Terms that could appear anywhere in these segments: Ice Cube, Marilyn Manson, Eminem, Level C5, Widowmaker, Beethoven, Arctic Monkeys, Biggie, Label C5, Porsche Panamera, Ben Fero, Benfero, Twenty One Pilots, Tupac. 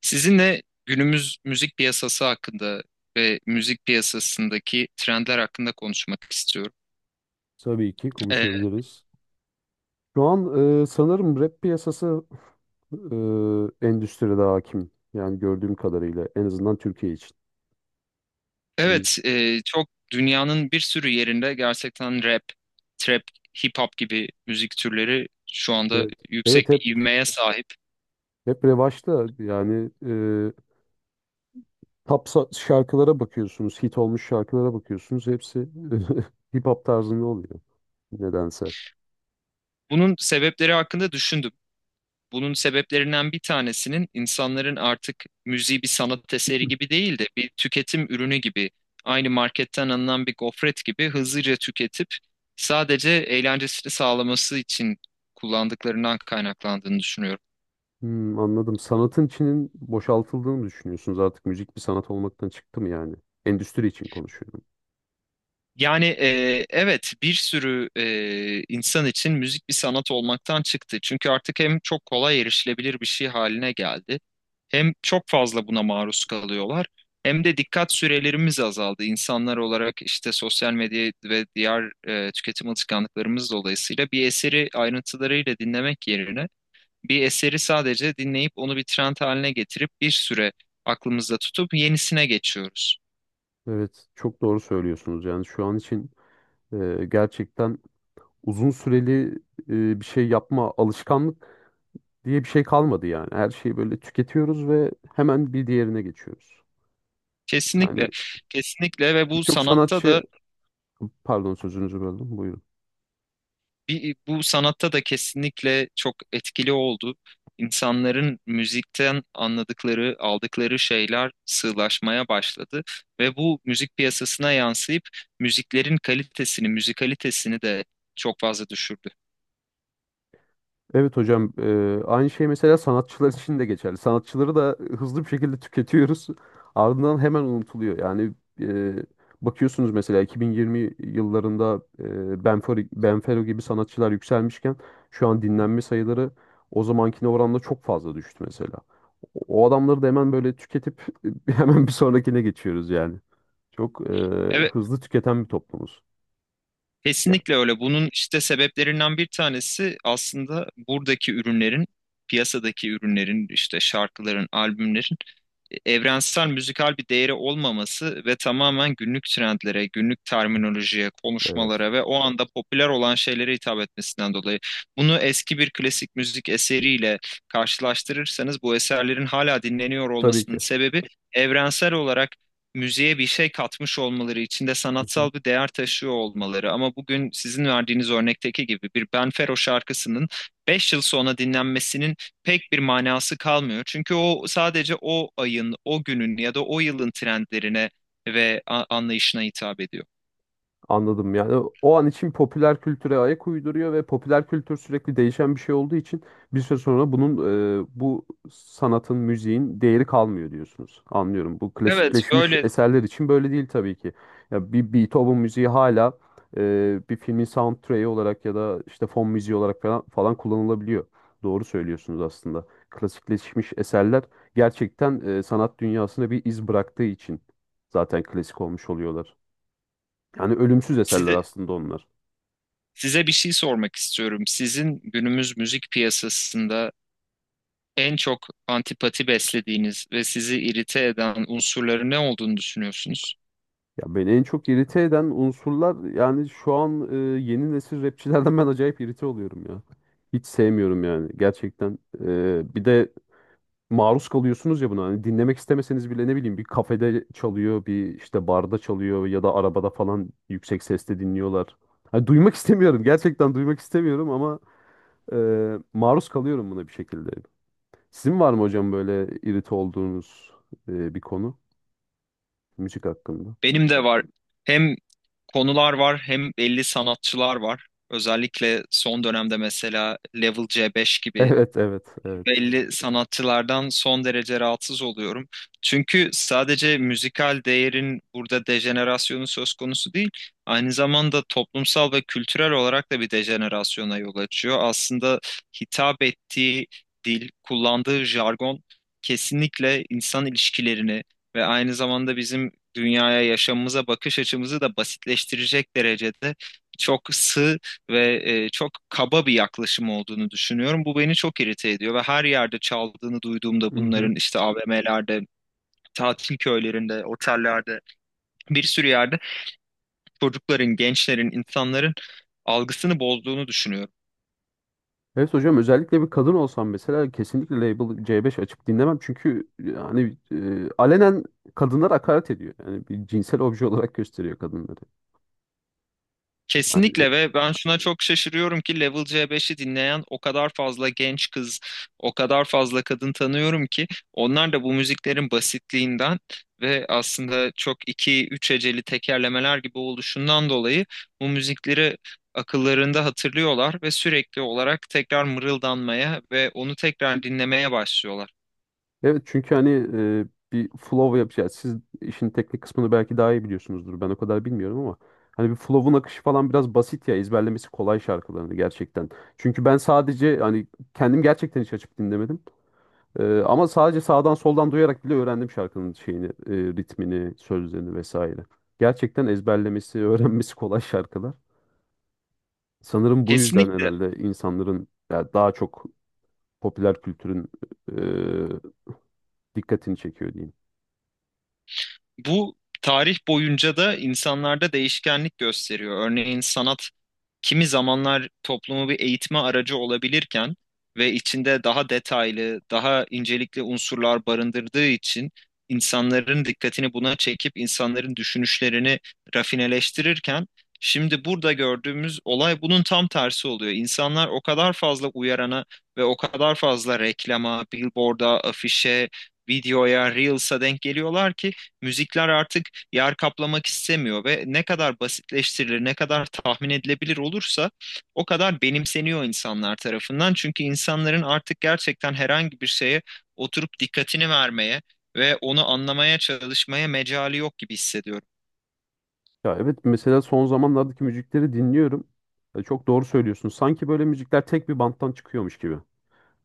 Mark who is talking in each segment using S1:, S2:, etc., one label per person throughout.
S1: Sizinle günümüz müzik piyasası hakkında ve müzik piyasasındaki trendler hakkında konuşmak istiyorum.
S2: Tabii ki
S1: Ee,
S2: konuşabiliriz. Şu an sanırım rap piyasası endüstride hakim. Yani gördüğüm kadarıyla en azından Türkiye için. Yani
S1: evet, çok dünyanın bir sürü yerinde gerçekten rap, trap, hip hop gibi müzik türleri şu anda
S2: evet.
S1: yüksek
S2: Evet hep
S1: bir ivmeye sahip.
S2: hep revaçta yani şarkılara bakıyorsunuz, hit olmuş şarkılara bakıyorsunuz. Hepsi hip hop tarzında oluyor nedense.
S1: Bunun sebepleri hakkında düşündüm. Bunun sebeplerinden bir tanesinin insanların artık müziği bir sanat eseri gibi değil de bir tüketim ürünü gibi, aynı marketten alınan bir gofret gibi hızlıca tüketip sadece eğlencesini sağlaması için kullandıklarından kaynaklandığını düşünüyorum.
S2: Hmm, anladım. Sanatın içinin boşaltıldığını mı düşünüyorsunuz? Artık müzik bir sanat olmaktan çıktı mı yani? Endüstri için konuşuyorum.
S1: Yani, evet, bir sürü insan için müzik bir sanat olmaktan çıktı. Çünkü artık hem çok kolay erişilebilir bir şey haline geldi. Hem çok fazla buna maruz kalıyorlar hem de dikkat sürelerimiz azaldı. İnsanlar olarak işte sosyal medya ve diğer tüketim alışkanlıklarımız dolayısıyla bir eseri ayrıntılarıyla dinlemek yerine bir eseri sadece dinleyip onu bir trend haline getirip bir süre aklımızda tutup yenisine geçiyoruz.
S2: Evet, çok doğru söylüyorsunuz. Yani şu an için gerçekten uzun süreli bir şey yapma alışkanlık diye bir şey kalmadı yani. Her şeyi böyle tüketiyoruz ve hemen bir diğerine geçiyoruz. Yani
S1: Kesinlikle, kesinlikle, ve bu
S2: birçok
S1: sanatta
S2: sanatçı,
S1: da
S2: pardon sözünüzü böldüm. Buyurun.
S1: Bir, bu sanatta da kesinlikle çok etkili oldu. İnsanların müzikten anladıkları, aldıkları şeyler sığlaşmaya başladı ve bu müzik piyasasına yansıyıp müziklerin kalitesini, müzikalitesini de çok fazla düşürdü.
S2: Evet hocam, aynı şey mesela sanatçılar için de geçerli. Sanatçıları da hızlı bir şekilde tüketiyoruz. Ardından hemen unutuluyor. Yani eee, bakıyorsunuz mesela 2020 yıllarında Benfero gibi sanatçılar yükselmişken şu an dinlenme sayıları o zamankine oranla çok fazla düştü mesela. O adamları da hemen böyle tüketip hemen bir sonrakine geçiyoruz yani. Çok
S1: Evet,
S2: hızlı tüketen bir toplumuz.
S1: kesinlikle
S2: Yani.
S1: öyle. Bunun işte sebeplerinden bir tanesi aslında buradaki ürünlerin, piyasadaki ürünlerin, işte şarkıların, albümlerin evrensel müzikal bir değeri olmaması ve tamamen günlük trendlere, günlük terminolojiye,
S2: Evet.
S1: konuşmalara ve o anda popüler olan şeylere hitap etmesinden dolayı. Bunu eski bir klasik müzik eseriyle karşılaştırırsanız bu eserlerin hala dinleniyor
S2: Tabii
S1: olmasının
S2: ki.
S1: sebebi evrensel olarak müziğe bir şey katmış olmaları, içinde sanatsal bir değer taşıyor olmaları. Ama bugün sizin verdiğiniz örnekteki gibi bir Ben Fero şarkısının 5 yıl sonra dinlenmesinin pek bir manası kalmıyor. Çünkü o sadece o ayın, o günün ya da o yılın trendlerine ve anlayışına hitap ediyor.
S2: Anladım, yani o an için popüler kültüre ayak uyduruyor ve popüler kültür sürekli değişen bir şey olduğu için bir süre sonra bu sanatın, müziğin değeri kalmıyor diyorsunuz. Anlıyorum. Bu
S1: Evet,
S2: klasikleşmiş
S1: böyle.
S2: eserler için böyle değil tabii ki. Ya bir Beethoven müziği hala bir filmin soundtrack'i olarak ya da işte fon müziği olarak falan, falan kullanılabiliyor. Doğru söylüyorsunuz aslında. Klasikleşmiş eserler gerçekten sanat dünyasına bir iz bıraktığı için zaten klasik olmuş oluyorlar. Yani ölümsüz eserler
S1: size,
S2: aslında onlar.
S1: size bir şey sormak istiyorum. Sizin günümüz müzik piyasasında en çok antipati beslediğiniz ve sizi irite eden unsurları ne olduğunu düşünüyorsunuz?
S2: Ya beni en çok irite eden unsurlar yani şu an yeni nesil rapçilerden ben acayip irite oluyorum ya. Hiç sevmiyorum yani gerçekten. Bir de maruz kalıyorsunuz ya buna. Hani dinlemek istemeseniz bile ne bileyim bir kafede çalıyor, bir işte barda çalıyor ya da arabada falan yüksek sesle dinliyorlar. Hani duymak istemiyorum. Gerçekten duymak istemiyorum ama maruz kalıyorum buna bir şekilde. Sizin var mı hocam böyle irite olduğunuz bir konu müzik hakkında?
S1: Benim de var. Hem konular var hem belli sanatçılar var. Özellikle son dönemde mesela Level C5 gibi
S2: Evet, evet, evet.
S1: belli sanatçılardan son derece rahatsız oluyorum. Çünkü sadece müzikal değerin burada dejenerasyonu söz konusu değil, aynı zamanda toplumsal ve kültürel olarak da bir dejenerasyona yol açıyor. Aslında hitap ettiği dil, kullandığı jargon kesinlikle insan ilişkilerini ve aynı zamanda bizim dünyaya, yaşamımıza bakış açımızı da basitleştirecek derecede çok sığ ve çok kaba bir yaklaşım olduğunu düşünüyorum. Bu beni çok irite ediyor ve her yerde çaldığını duyduğumda
S2: Hı hı.
S1: bunların işte AVM'lerde, tatil köylerinde, otellerde bir sürü yerde çocukların, gençlerin, insanların algısını bozduğunu düşünüyorum.
S2: Evet hocam, özellikle bir kadın olsam mesela kesinlikle Label C5 açıp dinlemem. Çünkü yani alenen kadınlara hakaret ediyor. Yani bir cinsel obje olarak gösteriyor kadınları. Yani,
S1: Kesinlikle, ve ben şuna çok şaşırıyorum ki Level C5'i dinleyen o kadar fazla genç kız, o kadar fazla kadın tanıyorum ki onlar da bu müziklerin basitliğinden ve aslında çok iki üç heceli tekerlemeler gibi oluşundan dolayı bu müzikleri akıllarında hatırlıyorlar ve sürekli olarak tekrar mırıldanmaya ve onu tekrar dinlemeye başlıyorlar.
S2: evet çünkü hani e, bir flow yapacağız. Siz işin teknik kısmını belki daha iyi biliyorsunuzdur. Ben o kadar bilmiyorum ama hani bir flow'un akışı falan biraz basit ya, ezberlemesi kolay şarkılarını gerçekten. Çünkü ben sadece hani kendim gerçekten hiç açıp dinlemedim. Ama sadece sağdan soldan duyarak bile öğrendim şarkının şeyini, ritmini, sözlerini vesaire. Gerçekten ezberlemesi, öğrenmesi kolay şarkılar. Sanırım bu yüzden
S1: Kesinlikle,
S2: herhalde insanların ya daha çok popüler kültürün e, dikkatini çekiyor diyeyim.
S1: bu tarih boyunca da insanlarda değişkenlik gösteriyor. Örneğin sanat kimi zamanlar toplumu bir eğitme aracı olabilirken ve içinde daha detaylı, daha incelikli unsurlar barındırdığı için insanların dikkatini buna çekip insanların düşünüşlerini rafineleştirirken, şimdi burada gördüğümüz olay bunun tam tersi oluyor. İnsanlar o kadar fazla uyarana ve o kadar fazla reklama, billboard'a, afişe, videoya, reels'a denk geliyorlar ki müzikler artık yer kaplamak istemiyor ve ne kadar basitleştirilir, ne kadar tahmin edilebilir olursa o kadar benimseniyor insanlar tarafından. Çünkü insanların artık gerçekten herhangi bir şeye oturup dikkatini vermeye ve onu anlamaya çalışmaya mecali yok gibi hissediyorum.
S2: Ya evet, mesela son zamanlardaki müzikleri dinliyorum. Çok doğru söylüyorsun. Sanki böyle müzikler tek bir banttan çıkıyormuş gibi.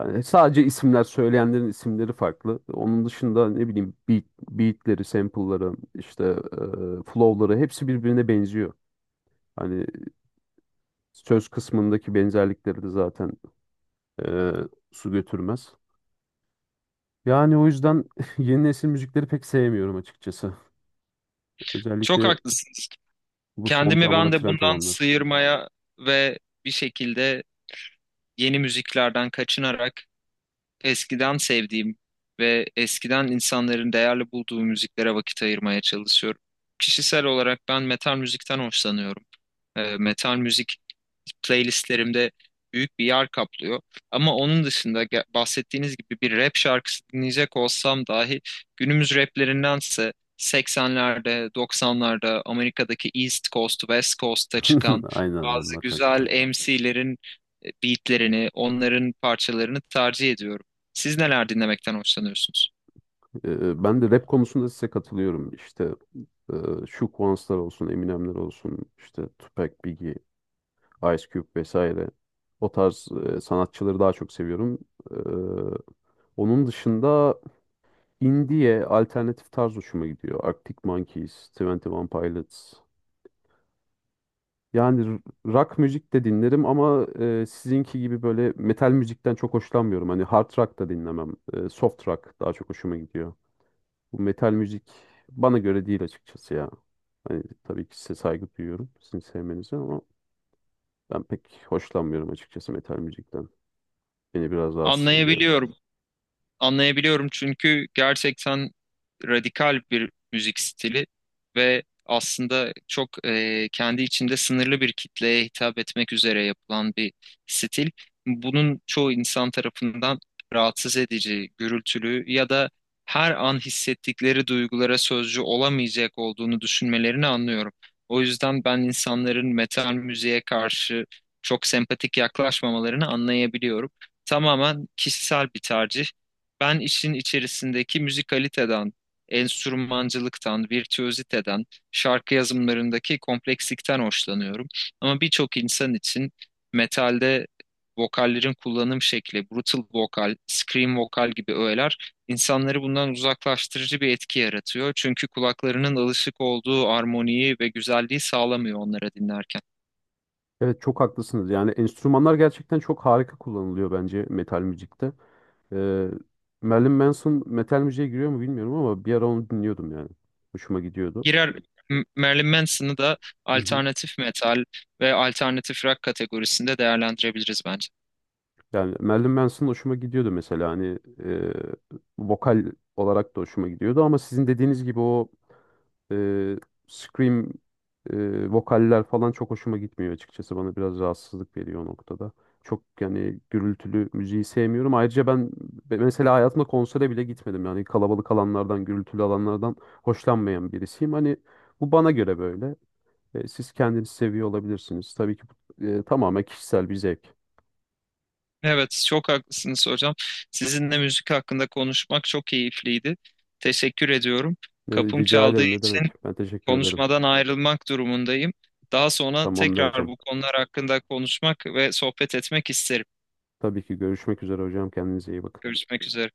S2: Yani sadece isimler söyleyenlerin isimleri farklı. Onun dışında ne bileyim beatleri, sample'ları, işte flow'ları hepsi birbirine benziyor. Hani söz kısmındaki benzerlikleri de zaten e, su götürmez. Yani o yüzden yeni nesil müzikleri pek sevmiyorum açıkçası.
S1: Çok
S2: Özellikle
S1: haklısınız.
S2: bu son
S1: Kendimi ben
S2: zamanda
S1: de
S2: trend
S1: bundan
S2: olanlar.
S1: sıyırmaya ve bir şekilde yeni müziklerden kaçınarak eskiden sevdiğim ve eskiden insanların değerli bulduğu müziklere vakit ayırmaya çalışıyorum. Kişisel olarak ben metal müzikten hoşlanıyorum. Metal müzik playlistlerimde büyük bir yer kaplıyor. Ama onun dışında bahsettiğiniz gibi bir rap şarkısı dinleyecek olsam dahi günümüz raplerindense 80'lerde, 90'larda Amerika'daki East Coast, West Coast'ta çıkan
S2: Aynen,
S1: bazı
S2: onlar çok
S1: güzel
S2: güzel.
S1: MC'lerin beatlerini, onların parçalarını tercih ediyorum. Siz neler dinlemekten hoşlanıyorsunuz?
S2: Ben de rap konusunda size katılıyorum. İşte e, şu Kuanslar olsun, Eminemler olsun, işte Tupac, Biggie. Ice Cube vesaire. O tarz sanatçıları daha çok seviyorum. Ee, Onun dışında indie'ye alternatif tarz hoşuma gidiyor. Arctic Monkeys, Twenty One Pilots. Yani rock müzik de dinlerim ama sizinki gibi böyle metal müzikten çok hoşlanmıyorum. Hani hard rock da dinlemem. Soft rock daha çok hoşuma gidiyor. Bu metal müzik bana göre değil açıkçası ya. Hani tabii ki size saygı duyuyorum, sizin sevmenize, ama ben pek hoşlanmıyorum açıkçası metal müzikten. Beni biraz rahatsız ediyor.
S1: Anlayabiliyorum, anlayabiliyorum çünkü gerçekten radikal bir müzik stili ve aslında çok kendi içinde sınırlı bir kitleye hitap etmek üzere yapılan bir stil. Bunun çoğu insan tarafından rahatsız edici, gürültülü ya da her an hissettikleri duygulara sözcü olamayacak olduğunu düşünmelerini anlıyorum. O yüzden ben insanların metal müziğe karşı çok sempatik yaklaşmamalarını anlayabiliyorum. Tamamen kişisel bir tercih. Ben işin içerisindeki müzikaliteden, enstrümancılıktan, virtüöziteden, şarkı yazımlarındaki komplekslikten hoşlanıyorum. Ama birçok insan için metalde vokallerin kullanım şekli, brutal vokal, scream vokal gibi öğeler insanları bundan uzaklaştırıcı bir etki yaratıyor. Çünkü kulaklarının alışık olduğu armoniyi ve güzelliği sağlamıyor onlara dinlerken.
S2: Evet, çok haklısınız. Yani enstrümanlar gerçekten çok harika kullanılıyor bence metal müzikte. Ee, Marilyn Manson metal müziğe giriyor mu bilmiyorum ama bir ara onu dinliyordum yani. Hoşuma gidiyordu.
S1: Girer. Marilyn Manson'ı da
S2: Hı hı.
S1: alternatif metal ve alternatif rock kategorisinde değerlendirebiliriz bence.
S2: Yani Marilyn Manson hoşuma gidiyordu mesela, hani vokal olarak da hoşuma gidiyordu ama sizin dediğiniz gibi o e, scream vokaller falan çok hoşuma gitmiyor açıkçası. Bana biraz rahatsızlık veriyor o noktada. Çok yani gürültülü müziği sevmiyorum. Ayrıca ben mesela hayatımda konsere bile gitmedim. Yani kalabalık alanlardan, gürültülü alanlardan hoşlanmayan birisiyim. Hani bu bana göre böyle. Siz kendinizi seviyor olabilirsiniz. Tabii ki bu tamamen kişisel bir zevk.
S1: Evet, çok haklısınız hocam. Sizinle müzik hakkında konuşmak çok keyifliydi. Teşekkür ediyorum.
S2: Ne,
S1: Kapım
S2: rica
S1: çaldığı
S2: ederim, ne
S1: için
S2: demek. Ben teşekkür ederim.
S1: konuşmadan ayrılmak durumundayım. Daha sonra
S2: Tamamdır
S1: tekrar
S2: hocam.
S1: bu konular hakkında konuşmak ve sohbet etmek isterim.
S2: Tabii ki görüşmek üzere hocam. Kendinize iyi bakın.
S1: Görüşmek üzere.